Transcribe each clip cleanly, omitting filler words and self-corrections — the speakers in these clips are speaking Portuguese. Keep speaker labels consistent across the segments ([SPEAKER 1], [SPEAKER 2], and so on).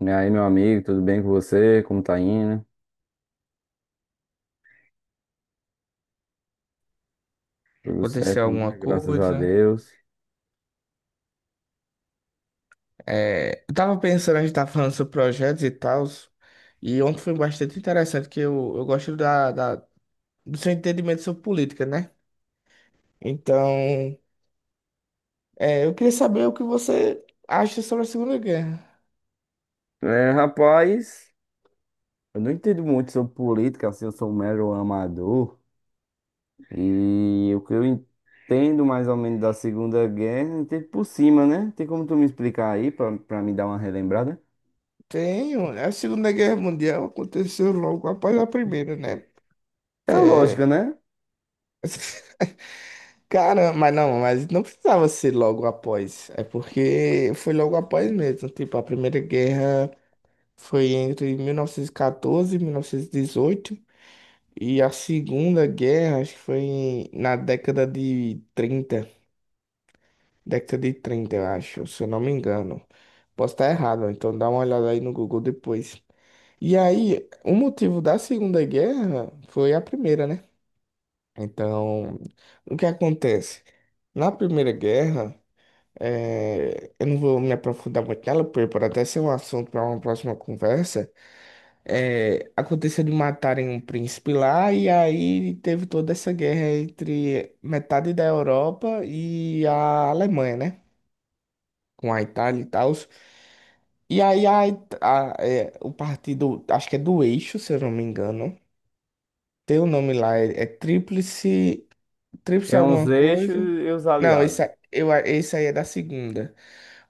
[SPEAKER 1] E aí, meu amigo, tudo bem com você? Como tá indo? Tudo
[SPEAKER 2] Aconteceu
[SPEAKER 1] certo,
[SPEAKER 2] alguma
[SPEAKER 1] né? Graças a
[SPEAKER 2] coisa?
[SPEAKER 1] Deus.
[SPEAKER 2] Eu tava pensando, a gente tava falando sobre projetos e tal, e ontem foi bastante interessante, que eu gosto do seu entendimento sobre política, né? Então, eu queria saber o que você acha sobre a Segunda Guerra.
[SPEAKER 1] É, rapaz, eu não entendo muito sobre política, assim, eu sou um mero amador. E o que eu entendo mais ou menos da Segunda Guerra, eu entendo por cima, né? Tem como tu me explicar aí, pra me dar uma relembrada?
[SPEAKER 2] Tenho, a Segunda Guerra Mundial aconteceu logo após a Primeira, né?
[SPEAKER 1] É a
[SPEAKER 2] É.
[SPEAKER 1] lógica, né?
[SPEAKER 2] Cara, mas não precisava ser logo após. É porque foi logo após mesmo. Tipo, a Primeira Guerra. Foi entre 1914 e 1918. E 1918. E a Segunda Guerra, acho que foi na década de trinta. Década de 30, eu acho, se eu não me engano. Posso estar errado, então dá uma olhada aí no Google depois. E aí, o motivo da Segunda Guerra foi a primeira, né? Então, o que acontece? Na Primeira Guerra, eu não vou me aprofundar muito nela, porque pode até ser um assunto para uma próxima conversa. Aconteceu de matarem um príncipe lá, e aí teve toda essa guerra entre metade da Europa e a Alemanha, né? Com a Itália e tal. E aí a, It- a- é, o partido, acho que é do Eixo, se eu não me engano. Tem o nome lá, é Tríplice, Tríplice
[SPEAKER 1] Tem uns
[SPEAKER 2] alguma
[SPEAKER 1] eixos
[SPEAKER 2] coisa.
[SPEAKER 1] e os
[SPEAKER 2] Não,
[SPEAKER 1] aliados.
[SPEAKER 2] esse, a- eu, a- esse aí é da segunda.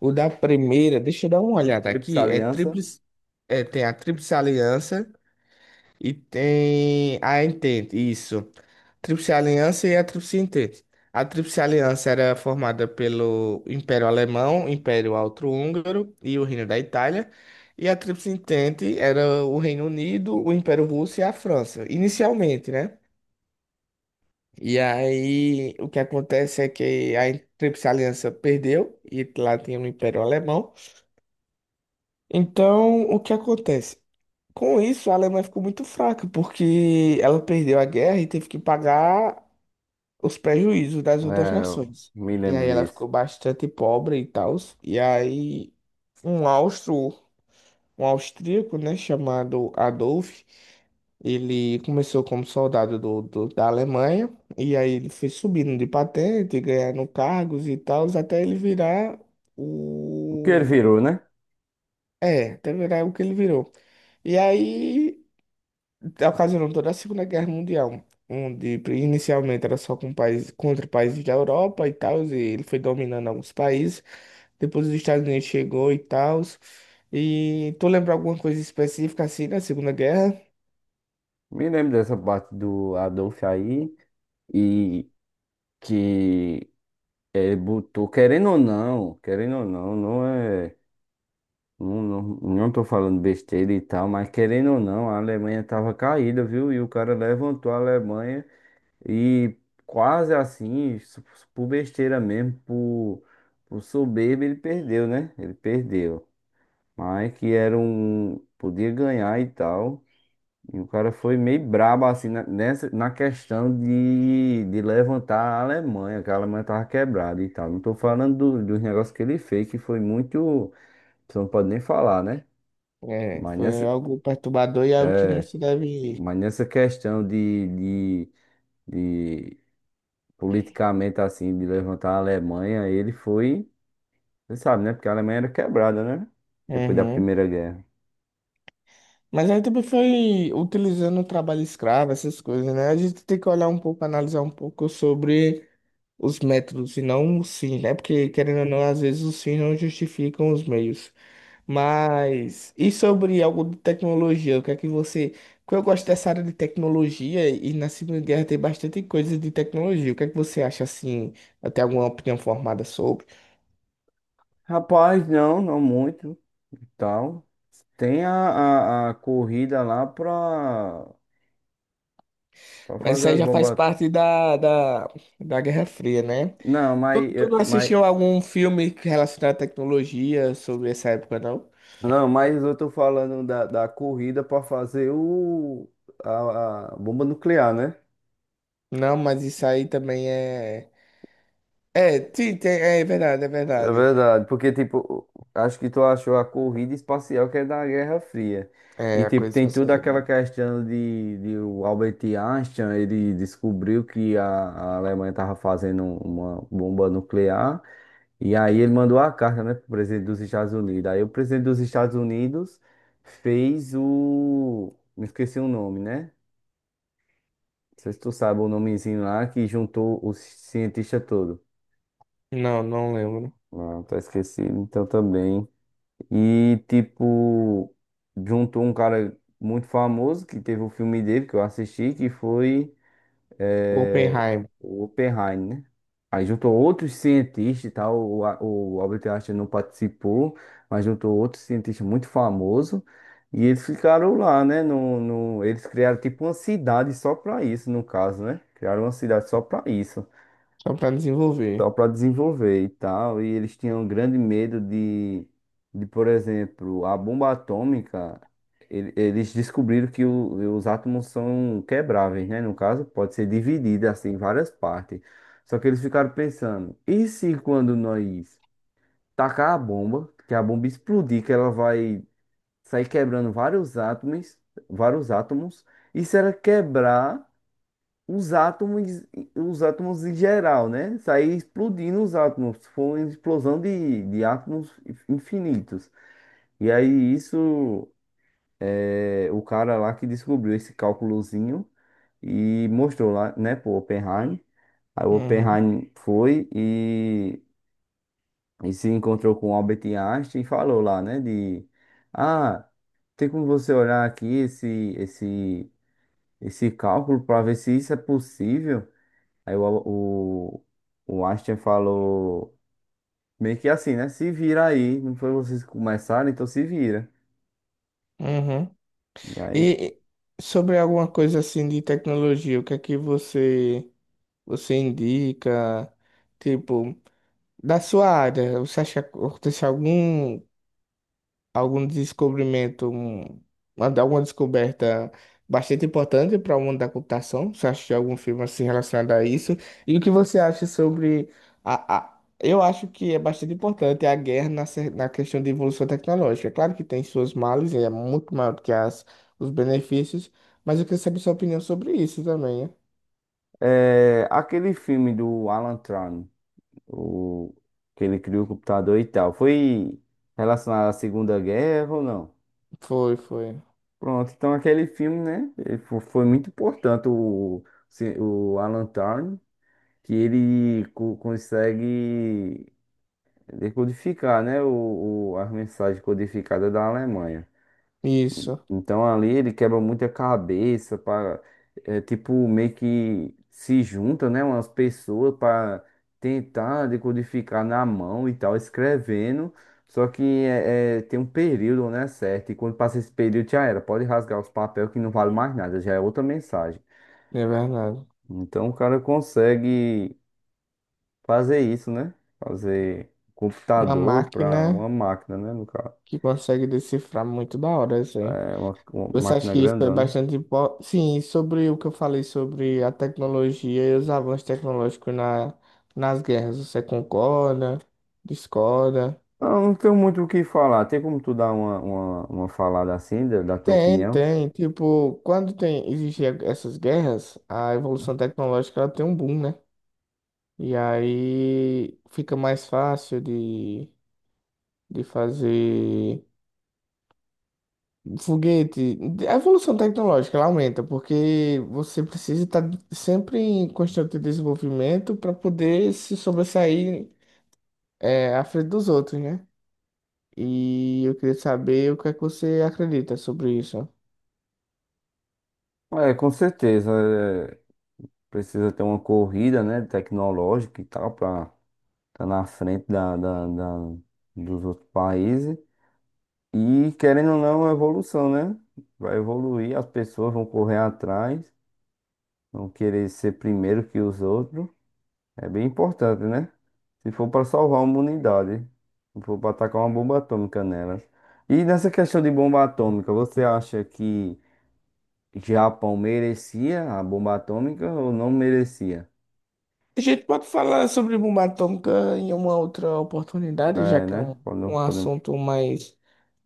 [SPEAKER 2] O da primeira, deixa eu dar uma
[SPEAKER 1] A
[SPEAKER 2] olhada
[SPEAKER 1] Tríplice
[SPEAKER 2] aqui,
[SPEAKER 1] Aliança.
[SPEAKER 2] Tem a Tríplice Aliança. E tem a Entente, isso. Tríplice Aliança e a Tríplice Entente. A Tríplice Aliança era formada pelo Império Alemão, Império Austro-Húngaro e o Reino da Itália. E a Tríplice Entente era o Reino Unido, o Império Russo e a França, inicialmente, né? E aí o que acontece é que a Tríplice Aliança perdeu e lá tinha o Império Alemão. Então, o que acontece? Com isso, a Alemanha ficou muito fraca, porque ela perdeu a guerra e teve que pagar os prejuízos das outras
[SPEAKER 1] É, eu
[SPEAKER 2] nações.
[SPEAKER 1] me
[SPEAKER 2] E
[SPEAKER 1] lembro
[SPEAKER 2] aí ela
[SPEAKER 1] disso.
[SPEAKER 2] ficou bastante pobre e tal. E aí um austro, um austríaco, né, chamado Adolf, ele começou como soldado da Alemanha, e aí ele foi subindo de patente, ganhando cargos e tal, até ele virar
[SPEAKER 1] O que ele
[SPEAKER 2] o.
[SPEAKER 1] virou, né?
[SPEAKER 2] É, até virar o que ele virou. E aí ocasionou toda a Segunda Guerra Mundial, onde inicialmente era só com países, contra países da Europa e tal, e ele foi dominando alguns países. Depois os Estados Unidos chegou e tal. E tu lembra alguma coisa específica assim da Segunda Guerra?
[SPEAKER 1] Me lembro dessa parte do Adolf aí. E que ele botou, querendo ou não, não é. Não, não, não tô falando besteira e tal, mas querendo ou não, a Alemanha tava caída, viu? E o cara levantou a Alemanha e quase assim, por besteira mesmo, por soberba, ele perdeu, né? Ele perdeu. Mas que era um. Podia ganhar e tal. E o cara foi meio brabo assim na questão de levantar a Alemanha, que a Alemanha tava quebrada e tal. Não tô falando dos negócios que ele fez, que foi muito. Você não pode nem falar, né?
[SPEAKER 2] É,
[SPEAKER 1] Mas
[SPEAKER 2] foi
[SPEAKER 1] nessa,
[SPEAKER 2] algo perturbador e algo que não se deve.
[SPEAKER 1] mas nessa questão de politicamente assim, de levantar a Alemanha, ele foi. Você sabe, né? Porque a Alemanha era quebrada, né? Depois da
[SPEAKER 2] Uhum.
[SPEAKER 1] Primeira Guerra.
[SPEAKER 2] Mas aí também foi utilizando o trabalho escravo, essas coisas, né? A gente tem que olhar um pouco, analisar um pouco sobre os métodos e não os fins, né? Porque, querendo ou não, às vezes os fins não justificam os meios. Mas, e sobre algo de tecnologia? O que é que você. Porque eu gosto dessa área de tecnologia e na Segunda Guerra tem bastante coisa de tecnologia. O que é que você acha assim? Eu tenho alguma opinião formada sobre?
[SPEAKER 1] Rapaz, não, não muito e tal. Tem a corrida lá pra. Pra
[SPEAKER 2] Mas
[SPEAKER 1] fazer
[SPEAKER 2] isso aí
[SPEAKER 1] as
[SPEAKER 2] já faz
[SPEAKER 1] bombas.
[SPEAKER 2] parte da Guerra Fria, né?
[SPEAKER 1] Não, mas,
[SPEAKER 2] Tu
[SPEAKER 1] eh,
[SPEAKER 2] não
[SPEAKER 1] mas,
[SPEAKER 2] assistiu algum filme relacionado à tecnologia sobre essa época, não?
[SPEAKER 1] não, mas eu tô falando da corrida pra fazer a bomba nuclear, né?
[SPEAKER 2] Não, mas isso aí também é. É, sim, é verdade, é
[SPEAKER 1] É
[SPEAKER 2] verdade.
[SPEAKER 1] verdade, porque, tipo, acho que tu achou a corrida espacial que é da Guerra Fria. E,
[SPEAKER 2] É, a
[SPEAKER 1] tipo,
[SPEAKER 2] coisa
[SPEAKER 1] tem
[SPEAKER 2] espacial.
[SPEAKER 1] toda aquela questão de o Albert Einstein, ele descobriu que a Alemanha estava fazendo uma bomba nuclear. E aí ele mandou a carta, né, pro presidente dos Estados Unidos. Aí o presidente dos Estados Unidos fez. Me esqueci o nome, né? Não sei se tu sabe o nomezinho lá que juntou os cientistas todos.
[SPEAKER 2] Não, não lembro.
[SPEAKER 1] Não, tá esquecido, então também. E, tipo, juntou um cara muito famoso que teve o filme dele que eu assisti, que foi é,
[SPEAKER 2] Oppenheim,
[SPEAKER 1] o Oppenheim, né? Aí juntou outros cientistas e tal, o Albert Einstein não participou, mas juntou outros cientistas muito famosos e eles ficaram lá, né? No, no, eles criaram tipo uma cidade só pra isso, no caso, né? Criaram uma cidade só pra isso
[SPEAKER 2] só para
[SPEAKER 1] só
[SPEAKER 2] desenvolver.
[SPEAKER 1] para desenvolver e tal. E eles tinham um grande medo de, por exemplo, a bomba atômica. Eles descobriram que os átomos são quebráveis, né? No caso, pode ser dividida assim em várias partes. Só que eles ficaram pensando: e se quando nós tacar a bomba, que a bomba explodir, que ela vai sair quebrando vários átomos, e se ela quebrar os átomos, os átomos em geral, né? Sair explodindo os átomos, foi uma explosão de átomos infinitos. E aí isso, o cara lá que descobriu esse cálculozinho e mostrou lá, né, pro Oppenheim. Aí o
[SPEAKER 2] Uhum,
[SPEAKER 1] Oppenheim foi e se encontrou com o Albert Einstein e falou lá, né, ah, tem como você olhar aqui esse, esse cálculo para ver se isso é possível. Aí o Einstein falou meio que assim, né? Se vira aí, não foi vocês que começaram, então se vira.
[SPEAKER 2] uhum.
[SPEAKER 1] E aí,
[SPEAKER 2] E e sobre alguma coisa assim de tecnologia, o que é que você indica? Tipo, da sua área, você acha que aconteceu algum descobrimento, alguma descoberta bastante importante para o mundo da computação? Você acha de algum filme assim relacionado a isso? E o que você acha sobre eu acho que é bastante importante a guerra na questão de evolução tecnológica. É claro que tem suas males, e é muito maior do que os benefícios, mas eu queria saber sua opinião sobre isso também, né?
[SPEAKER 1] aquele filme do Alan Turing, o, que ele criou o computador e tal, foi relacionado à Segunda Guerra ou não?
[SPEAKER 2] Foi, foi.
[SPEAKER 1] Pronto, então aquele filme, né? Ele foi muito importante o, se- o Alan Turing, que ele consegue decodificar, né? As mensagens codificadas da Alemanha.
[SPEAKER 2] Isso,
[SPEAKER 1] Então ali ele quebra muita cabeça para tipo meio que se junta, né, umas pessoas para tentar decodificar na mão e tal, escrevendo. Só que tem um período, né, certo? E quando passa esse período já era, pode rasgar os papéis que não vale mais nada, já é outra mensagem.
[SPEAKER 2] é verdade.
[SPEAKER 1] Então o cara consegue fazer isso, né? Fazer
[SPEAKER 2] Uma
[SPEAKER 1] computador para
[SPEAKER 2] máquina
[SPEAKER 1] uma máquina, né, no caso.
[SPEAKER 2] que consegue decifrar muito da hora, isso.
[SPEAKER 1] É uma
[SPEAKER 2] Você acha
[SPEAKER 1] máquina
[SPEAKER 2] que isso foi
[SPEAKER 1] grandona.
[SPEAKER 2] bastante importante? Sim, sobre o que eu falei sobre a tecnologia e os avanços tecnológicos nas guerras. Você concorda? Discorda?
[SPEAKER 1] Ah, não tenho muito o que falar. Tem como tu dar uma falada assim, da tua
[SPEAKER 2] Tem,
[SPEAKER 1] opinião?
[SPEAKER 2] tem. Tipo, quando tem, existem essas guerras, a evolução tecnológica ela tem um boom, né? E aí fica mais fácil de fazer. Foguete, a evolução tecnológica ela aumenta, porque você precisa estar sempre em constante desenvolvimento para poder se sobressair à frente dos outros, né? E eu queria saber o que é que você acredita sobre isso.
[SPEAKER 1] É, com certeza. Precisa ter uma corrida, né, tecnológica e tal, pra estar tá na frente dos outros países. E, querendo ou não, é uma evolução, né? Vai evoluir, as pessoas vão correr atrás, vão querer ser primeiro que os outros. É bem importante, né? Se for para salvar uma unidade, se for para atacar uma bomba atômica nelas. E nessa questão de bomba atômica, você acha que Japão merecia a bomba atômica ou não merecia?
[SPEAKER 2] A gente pode falar sobre bomba atômica em uma outra oportunidade, já
[SPEAKER 1] É,
[SPEAKER 2] que é
[SPEAKER 1] né?
[SPEAKER 2] um, um assunto mais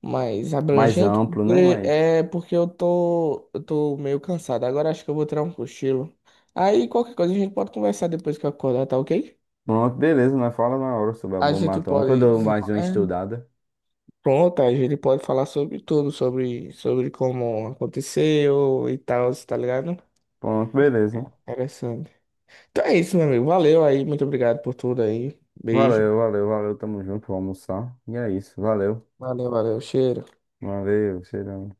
[SPEAKER 2] mais
[SPEAKER 1] Mais
[SPEAKER 2] abrangente,
[SPEAKER 1] amplo, né?
[SPEAKER 2] porque
[SPEAKER 1] Mas
[SPEAKER 2] é porque eu tô meio cansado. Agora acho que eu vou tirar um cochilo. Aí qualquer coisa a gente pode conversar depois que eu acordar, tá ok?
[SPEAKER 1] pronto, beleza, nós fala na hora sobre a
[SPEAKER 2] A
[SPEAKER 1] bomba
[SPEAKER 2] gente
[SPEAKER 1] atômica. Eu
[SPEAKER 2] pode
[SPEAKER 1] dou mais
[SPEAKER 2] desenrolar.
[SPEAKER 1] uma estudada.
[SPEAKER 2] Pronto, a gente pode falar sobre tudo, sobre como aconteceu e tal, tá ligado?
[SPEAKER 1] Pronto, beleza.
[SPEAKER 2] Interessante. Então é isso, meu amigo. Valeu aí, muito obrigado por tudo aí. Beijo.
[SPEAKER 1] Valeu, valeu, valeu. Tamo junto, vou almoçar. E é isso, valeu.
[SPEAKER 2] Valeu, valeu. Cheiro.
[SPEAKER 1] Valeu, cheirão.